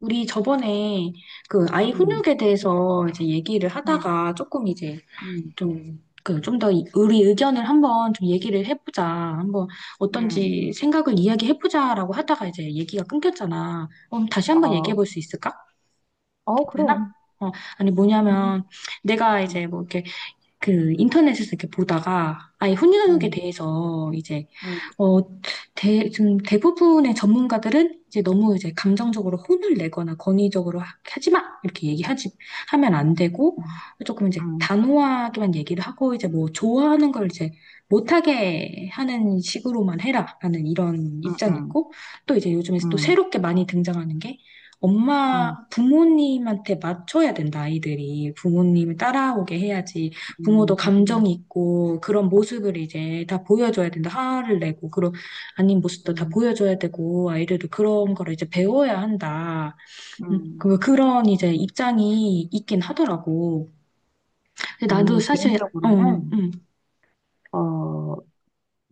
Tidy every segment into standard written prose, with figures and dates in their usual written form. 우리 저번에 그 아이 음, 훈육에 대해서 이제 얘기를 음, 하다가 조금 이제 음, 좀 더 우리 의견을 한번 좀 얘기를 해보자. 한번 음. 어떤지 생각을 이야기해보자라고 하다가 이제 얘기가 끊겼잖아. 그럼 다시 한번 어, 얘기해볼 수 있을까? 어, 괜찮아? 그럼. 어, 아니 음, 뭐냐면 내가 음, 이제 뭐 이렇게 그 인터넷에서 이렇게 보다가 아예 혼인후육에 음, 대해서 이제 어, 좀 대부분의 전문가들은 이제 너무 이제 감정적으로 혼을 내거나 권위적으로 하지 마 이렇게 얘기하지 하면 안 되고 음, 조금 이제 음, 단호하게만 얘기를 하고 이제 뭐 좋아하는 걸 이제 못하게 하는 식으로만 해라라는 이런 음, 입장이 음, 있고 또 이제 요즘에 또 음, 새롭게 많이 등장하는 게 엄마 부모님한테 맞춰야 된다 아이들이 부모님을 따라오게 해야지 부모도 음, 음, 감정이 있고 그런 모습을 이제 다 보여줘야 된다. 화를 내고 그런 아닌 모습도 다 음, 보여줘야 되고 아이들도 그런 거를 이제 배워야 한다. 음. 그런 이제 입장이 있긴 하더라고. 근데 나도 나는 사실 어, 개인적으로는, 어,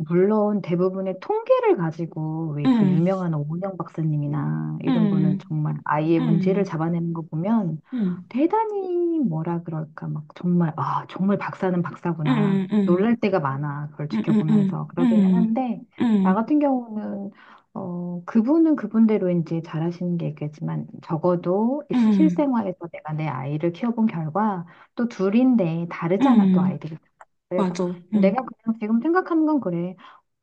물론 대부분의 통계를 가지고 왜 그 음, 유명한 오은영 박사님이나 이런 분은 음, 정말 아이의 문제를 음, 잡아내는 거 보면 음, 대단히 뭐라 그럴까 막 정말 아 정말 박사는 박사구나 음, 음, 놀랄 때가 많아. 그걸 음, 음, 지켜보면서 음, 그러기는 음, 한데, 음, 나 음, 같은 경우는 그분은 그분대로 이제 잘하시는 게 있겠지만, 적어도 음, 실생활에서 내가 내 아이를 키워본 결과, 또 둘인데 다르잖아, 또 음, 아이들이. 그래서 맞아. 내가 음, 그냥 지금 생각하는 건 그래.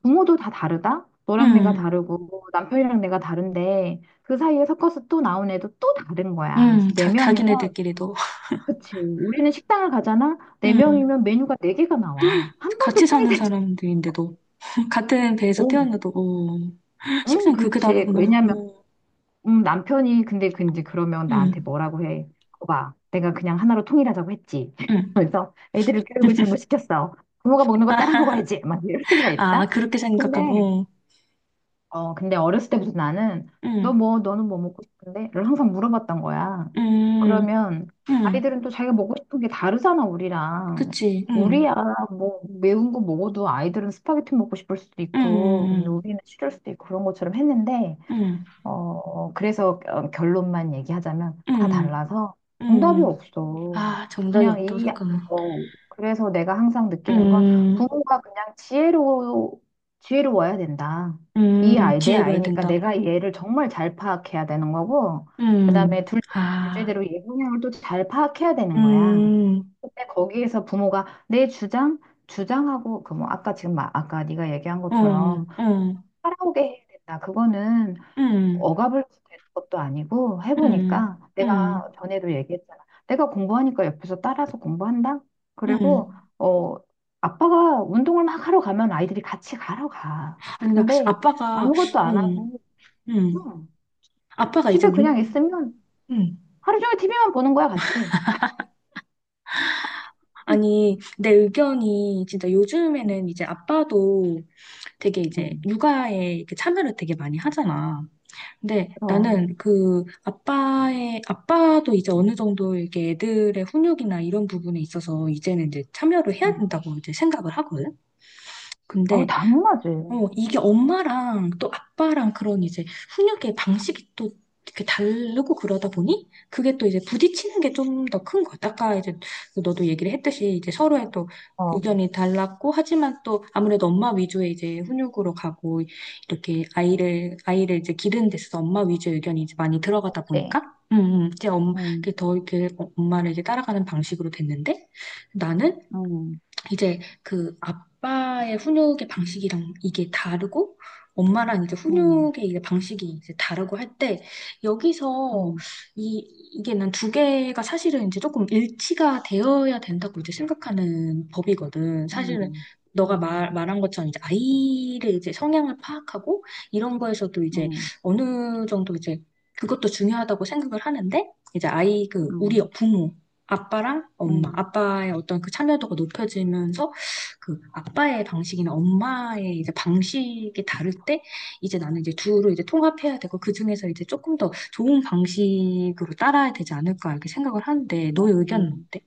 부모도 다 다르다? 너랑 내가 음, 다르고 남편이랑 내가 다른데, 그 사이에 섞어서 또 나온 애도 또 다른 거야. 그래서 네 자, 명이면, 자기네들끼리도 그치. 우리는 식당을 가잖아. 네 음, 명이면 메뉴가 네 개가 나와. 한 번도 같이 사는 통일된 적이 사람들인데도 같은 배에서 없어. 태어나도, 어, 응, 식성 그렇게 그렇지. 다르구나. 왜냐면 어, 남편이 근데 그러면 나한테 응, 뭐라고 해? 오, 내가 그냥 하나로 통일하자고 했지. 응. 그래서 애들을 교육을 잘못 시켰어. 부모가 먹는 거 따라 아, 먹어야지. 막 이럴 때가 있다. 그렇게 생각하면 근데 어, 어, 근데 어렸을 때부터 나는 응, 너 뭐, 너는 뭐 먹고 싶은데? 를 항상 물어봤던 거야. 응, 그러면 응, 아이들은 또 자기가 먹고 싶은 게 다르잖아, 우리랑. 그치, 응, 우리야, 뭐, 매운 거 먹어도 아이들은 스파게티 먹고 싶을 수도 있고, 근데 응, 우리는 싫을 수도 있고. 그런 것처럼 했는데, 응, 어, 그래서 어, 결론만 얘기하자면 다 응, 달라서 정답이 응. 없어. 아, 정답이 그냥 없다고 이, 생각하면, 어, 그래서 내가 항상 느끼는 건 응, 부모가 그냥 지혜로, 지혜로워야 된다. 이 응, 아이, 내 기회로 해야 아이니까 된다. 내가 얘를 정말 잘 파악해야 되는 거고, 그 다음에 응, 둘째는 아, 둘째대로 얘 성향을 또 잘 파악해야 되는 거야. 응, 근데 거기에서 부모가 내 주장, 주장하고, 그 뭐, 아까 지금, 막 아까 네가 얘기한 어, 것처럼 어, 따라오게 해야 된다. 그거는 응, 억압을 되는 것도 아니고, 응, 해보니까, 응, 내가 전에도 얘기했잖아. 내가 공부하니까 옆에서 따라서 공부한다. 그리고 응. 어 아빠가 운동을 막 하러 가면 아이들이 같이 가러 가. 아니, 나 근데 아빠가, 아무것도 안 응, 하고, 응. 응, 아빠가 이제 집에 그냥 운, 있으면 음. 하루 종일 TV만 보는 거야 같이. 아니, 내 의견이 진짜 음, 요즘에는 이제 아빠도 되게 이제 음, 육아에 이렇게 참여를 되게 많이 하잖아. 근데 그럼. 나는 그 아빠의, 아빠도 이제 어느 정도 이렇게 애들의 훈육이나 이런 부분에 있어서 이제는 이제 참여를 해야 음. 된다고 이제 생각을 하거든. 어, 근데 당연하지. 어, 이게 엄마랑 또 아빠랑 그런 이제 훈육의 방식이 또 이렇게 다르고 그러다 보니 그게 또 이제 부딪히는 게 좀 더 큰 것 같아. 아까 이제 너도 얘기를 했듯이 이제 서로의 또 어, 의견이 달랐고 하지만 또 아무래도 엄마 위주의 이제 훈육으로 가고 이렇게 아이를 이제 기르는 데 있어서 엄마 위주의 의견이 이제 많이 들어가다 그치. 보니까 이제 엄, 음, 이렇게 더 이렇게 엄마를 이제 따라가는 방식으로 됐는데 나는 음, 이제 그 아빠의 훈육의 방식이랑 이게 다르고 엄마랑 이제 음, 훈육의 이제 방식이 이제 다르고 할 때 여기서 음, 이 이게 난 2개가 사실은 이제 조금 일치가 되어야 된다고 이제 생각하는 법이거든. 음, 사실은 음, 너가 음, 말한 것처럼 이제 아이를 이제 성향을 파악하고 이런 거에서도 이제 음, 어느 정도 이제 그것도 중요하다고 생각을 하는데 이제 아이 그 우리 음, 부모 아빠랑 엄마, 음, 아빠의 어떤 그 참여도가 높여지면서 그 아빠의 방식이나 엄마의 이제 방식이 다를 때 이제 나는 이제 둘을 이제 통합해야 되고 그 중에서 이제 조금 더 좋은 방식으로 따라야 되지 않을까 이렇게 생각을 하는데 너의 의견은 음. 어때?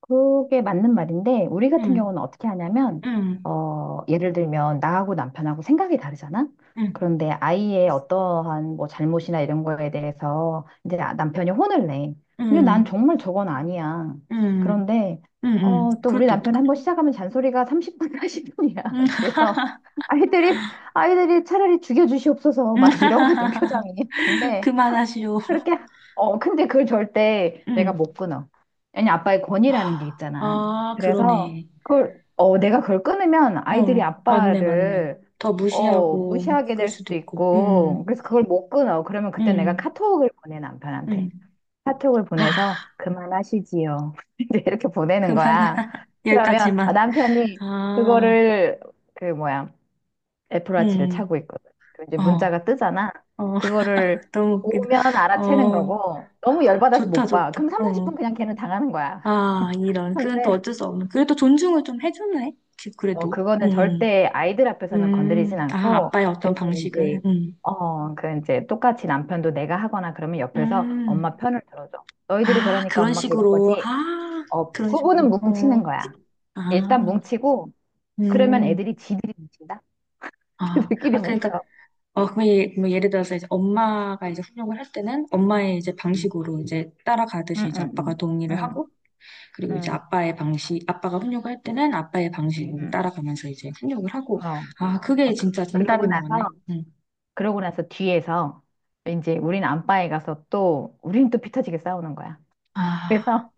그게 맞는 말인데, 우리 같은 응, 경우는 어떻게 하냐면, 응, 어, 예를 들면, 나하고 남편하고 생각이 다르잖아? 응, 그런데 아이의 어떠한 뭐 잘못이나 이런 거에 대해서 이제 남편이 혼을 내. 근데 난 응, 정말 저건 아니야. 응, 그런데, 응, 응. 어, 또 그럴 우리 때 남편 어떡해? 한 번 시작하면 잔소리가 30분, 사0분이야. 응, 그래서 아이들이, 아이들이 차라리 죽여주시옵소서 막 이러거든, 표정이. 응. 그만하시오. 그렇게, 하- 어, 근데 그걸 절대 내가 응. 못 끊어. 왜냐, 아빠의 권위라는 게 있잖아. 아, 그래서 그러네. 그걸, 어, 내가 그걸 끊으면 아이들이 어, 맞네, 맞네. 아빠를, 더 어, 무시하고, 무시하게 그럴 될 수도 수도 있고. 있고, 그래서 그걸 못 끊어. 그러면 그때 내가 음, 카톡을 보내, 남편한테. 음. 카톡을 아, 보내서 그만하시지요. 이제 이렇게 보내는 그만. 거야. 그러면 아, 여기까지만. 남편이 아, 그거를, 그 뭐야, 애플워치를 음, 차고 있거든. 그 이제 어, 문자가 뜨잖아. 어, 그거를 너무 웃기다. 오면 알아채는 어, 거고, 너무 열받아서 좋다, 못 봐. 그럼 좋다. 3, 40분 어, 그냥 걔는 당하는 거야. 아, 이런. 그건 또 근데 어쩔 수 없는. 그래도 존중을 좀 해주네. 지- 어, 그래도. 그거는 절대 아이들 앞에서는 건드리진 아, 않고, 아빠의 어떤 대신 방식은. 이제 어그 이제 똑같이 남편도 내가 하거나 그러면 옆에서 음, 엄마 편을 들어줘. 너희들이 아, 그러니까 그런 엄마가 이런 식으로. 거지. 아, 어, 그런 부부는 식으로. 뭉치는 어, 거야. 일단 아, 뭉치고, 그러면 음. 애들이 지들이 뭉친다. 아, 지들끼리 아 그러니까 뭉쳐. 어, 그럼 예, 뭐 예를 들어서 이제 엄마가 이제 훈육을 할 때는 엄마의 이제 응. 방식으로 이제 따라가듯이 응, 이제 응, 아빠가 응. 동의를 응, 하고 그리고 이제 응. 아빠의 방식, 아빠가 훈육을 할 때는 아빠의 방식으로 음, 따라가면서 이제 훈육을 하고 어. 아, 그게 어, 그- 진짜 그러고 정답인 것 같네. 나서, 음. 그러고 나서 뒤에서 이제 우린 안방에 가서 또, 우린 또 피 터지게 싸우는 거야. 그래서 아,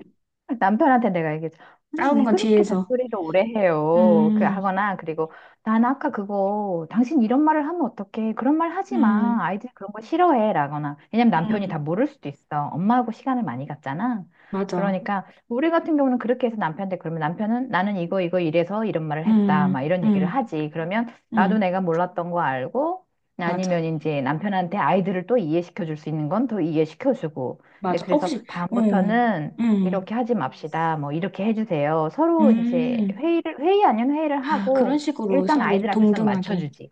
남편한테 내가 얘기했죠. 아니, 싸우는 왜 건 그렇게 뒤에서. 잔소리를 오래 해요? 그 음, 하거나, 그리고 난 아까 그거, 당신 이런 말을 하면 어떡해? 그런 말 하지 마. 음, 아이들이 그런 거 싫어해. 라거나. 왜냐면 남편이 다 음, 모를 수도 있어. 엄마하고 시간을 많이 갖잖아. 맞아. 그러니까, 우리 같은 경우는 그렇게 해서 남편한테, 그러면 남편은 나는 이거, 이거 이래서 이런 말을 했다. 막 음, 이런 얘기를 음, 하지. 그러면 나도 내가 음, 몰랐던 거 알고, 맞아. 아니면 이제 남편한테 아이들을 또 이해시켜 줄 수 있는 건 더 이해시켜 주고. 근데 맞아. 어, 그래서 혹시, 음, 다음부터는 음, 이렇게 하지 맙시다. 뭐 이렇게 해주세요. 서로 이제 음. 회의를 회의 아닌 회의를 아, 그런 하고 식으로 일단 서로 아이들 앞에서 동등하게. 맞춰주지.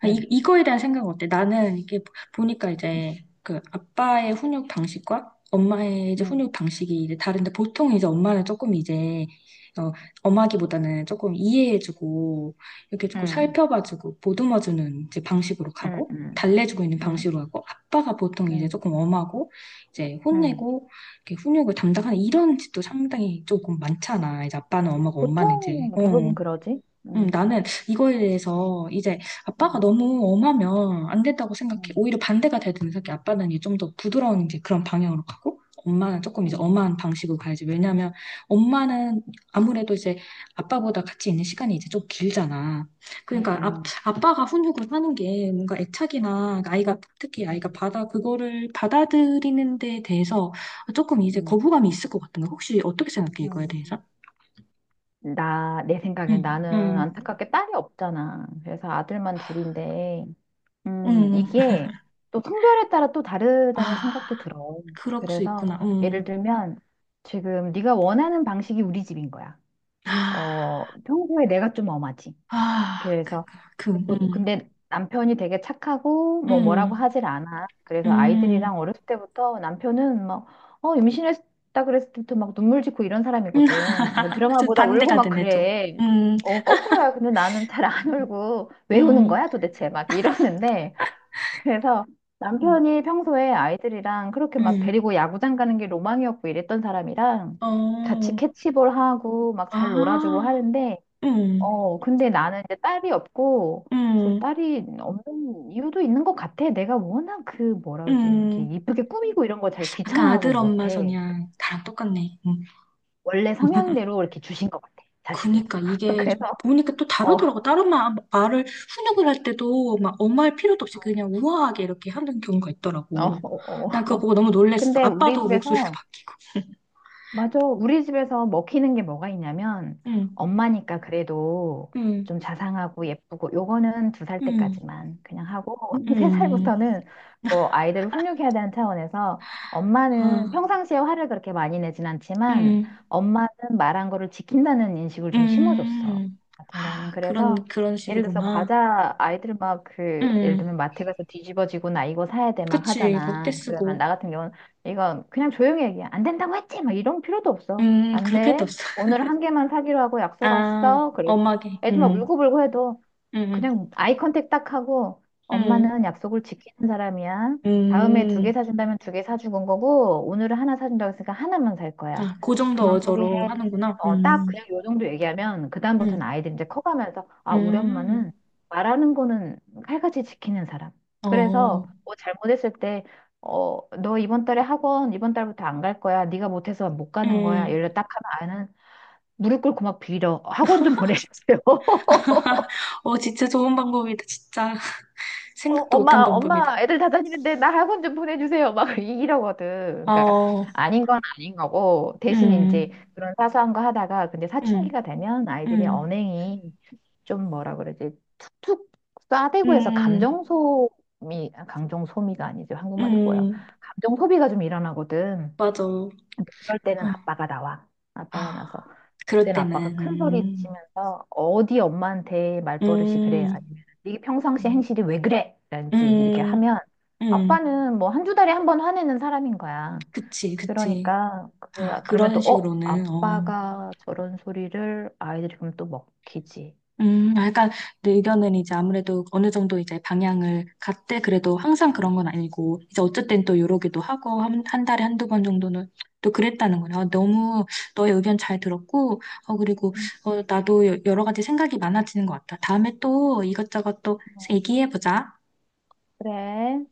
아, 이, 응, 이거에 대한 생각은 어때? 나는 이게 보니까 응, 이제 그 아빠의 훈육 방식과 엄마의 이제 응, 훈육 방식이 이제 다른데 보통 이제 엄마는 조금 이제 어, 엄하기보다는 조금 이해해주고 이렇게 조금 응, 살펴봐주고 보듬어주는 이제 방식으로 응, 가고 응, 달래주고 있는 응, 방식으로 가고 아빠가 보통 이제 응. 조금 엄하고 이제 응. 혼내고 이렇게 훈육을 담당하는 이런 집도 상당히 조금 많잖아. 이제 아빠는 엄하고 엄마는 이제 보통 대부분 어. 그러지. 응, 나는 이거에 대해서 이제 아빠가 응, 너무 엄하면 안 된다고 생각해. 응, 오히려 반대가 돼야 되는 생각해. 아빠는 이제 좀 더 부드러운 이제 그런 방향으로 가고, 엄마는 조금 이제 응, 엄한 방식으로 가야지. 왜냐하면 엄마는 아무래도 이제 아빠보다 같이 있는 시간이 이제 좀 길잖아. 응, 그러니까 아, 응, 아빠가 훈육을 하는 게 뭔가 애착이나 아이가 특히 아이가 응, 받아 그거를 받아들이는 데 대해서 조금 이제 응. 거부감이 있을 것 같은 거. 혹시 어떻게 생각해? 이거에 응. 대해서? 나, 내 생각에 응, 나는 응, 안타깝게 딸이 없잖아. 그래서 아들만 둘인데. 응. 이게 또 성별에 따라 또 아. 다르다는 생각도 들어. 그럴 수 그래서 있구나. 예를 음. 들면 지금 네가 원하는 방식이 우리 집인 거야. 아, 어, 평소에 내가 좀 엄하지. 아, 그, 그래서 그, 근데 남편이 되게 착하고 뭐 뭐라고 음, 하질 않아. 그래서 음, 아이들이랑 어렸을 때부터 남편은 막, 어, 임신했다 그랬을 때부터 막 눈물 짓고 이런 음. 사람이거든. 그러니까 드라마 저 보다 울고 반대가 막 되네, 또. 그래. 음, 어, 거꾸로야. 근데 나는 잘 안 울고, 왜 우는 음, 거야 도대체 막 이러는데, 그래서 음, 남편이 평소에 아이들이랑 그렇게 막 음. 데리고 야구장 가는 게 로망이었고, 이랬던 사람이랑 같이 어, 캐치볼 하고 막 잘 놀아주고 아, 하는데, 음, 어, 근데 나는 이제 딸이 없고, 그 음, 딸이 없는 이유도 있는 것 같아. 내가 워낙 그 뭐라 그러지, 이게 음. 이쁘게 꾸미고 이런 거 잘 아까 귀찮아하고 아들 엄마 못해. 성향 나랑 똑같네. 음. 원래 성향대로 이렇게 주신 것 같아, 자식을. 그니까 이게 좀 그래서, 보니까 또 어, 어, 다르더라고. 다른 말을 훈육을 할 때도 막 엄할 마 필요도 없이 그냥 우아하게 이렇게 하는 경우가 어, 있더라고. 난 그거 어. 보고 너무 놀랬어. 근데 우리 아빠도 목소리가 집에서 바뀌. 맞아. 우리 집에서 먹히는 게 뭐가 있냐면, 응, 엄마니까 그래도 응, 좀 자상하고 예쁘고, 요거는 두 살 응, 때까지만 그냥 하고, 세 응, 살부터는 뭐 아이들을 훈육해야 되는 차원에서, 엄마는 아, 평상시에 화를 그렇게 많이 내진 않지만, 응, 엄마는 말한 거를 지킨다는 인식을 좀 심어줬어. 응. 같은 경우는. 아, 그런 그래서, 그런 예를 들어서 식으로만. 과자, 아이들 막 그, 예를 응, 들면 마트 가서 뒤집어지고 나 이거 사야 돼 막 그치. 이거 떼 하잖아. 그러면 쓰고. 나 같은 경우는 이건 그냥 조용히 얘기해. 안 된다고 했지? 막 이런 필요도 없어. 안 그렇게 해도 돼. 없어. 오늘 한 개만 사기로 하고 약속 왔 아, 어 그리고 엄하게. 애들 막 응, 울고불고 해도 응, 그냥 아이 컨택 딱 하고 응, 엄마는 약속을 지키는 사람이야. 다음에 두 응. 개 사준다면 두 개사는 거고, 오늘은 하나 사준다고 했으니까 하나만 살 거야. 아, 그 정도 그만 포기해. 어조로 하는구나. 어, 딱 음. 그냥 요 정도 얘기하면 그다음부터는 응, 아이들이 이제 커가면서, 아, 우리 음, 엄마는 말하는 거는 칼같이 지키는 사람. 그래서 어, 뭐 잘못했을 때, 어, 너 이번 달에 학원, 이번 달부터 안 갈 거야. 네가 못해서 못 가는 거야. 음, 이래 딱 하면 아이는 무릎 꿇고 막 빌어. 학원 좀 보내주세요. 어, 진짜 좋은 방법이다. 진짜 어, 생각도 못한 엄마, 방법이다. 엄마, 애들 다 다니는데 나 학원 좀 보내주세요. 막 이러거든. 그러니까 어, 아닌 건 아닌 거고, 대신 이제 음, 그런 사소한 거 하다가, 근데 음, 사춘기가 되면 아이들이 음, 언행이 좀 뭐라 그러지, 툭툭 싸대고 해서 음, 감정 소미, 감정 소미가 아니죠. 한국말이 꼬여. 음, 감정 소비가 좀 일어나거든. 맞아. 어, 그럴 때는 아빠가 나와. 아빠가 아, 나서. 그럴 그때는 아빠가 때는, 큰 소리 치면서 어디 엄마한테 말버릇이 그래? 음, 아니면 이게 평상시 음, 행실이 왜 그래? 라든지 이렇게 음, 하면 음. 아빠는 뭐 한두 달에 한 번 화내는 사람인 거야. 그치, 그치. 그러니까 그, 아, 그러면 또 그런 어? 식으로는, 어. 아빠가 저런 소리를 아이들이 그럼 또 먹히지. 아, 약간 내 의견은 이제 아무래도 어느 정도 이제 방향을 갔대 그래도 항상 그런 건 아니고 이제 어쨌든 또 요러기도 하고 한, 한 달에 한 두 번 정도는 또 그랬다는 거네. 요 너무 너의 의견 잘 들었고 어 그리고 음, 어 나도 여러 가지 생각이 많아지는 것 같아. 다음에 또 이것저것 또 어, 얘기해 보자. 그래.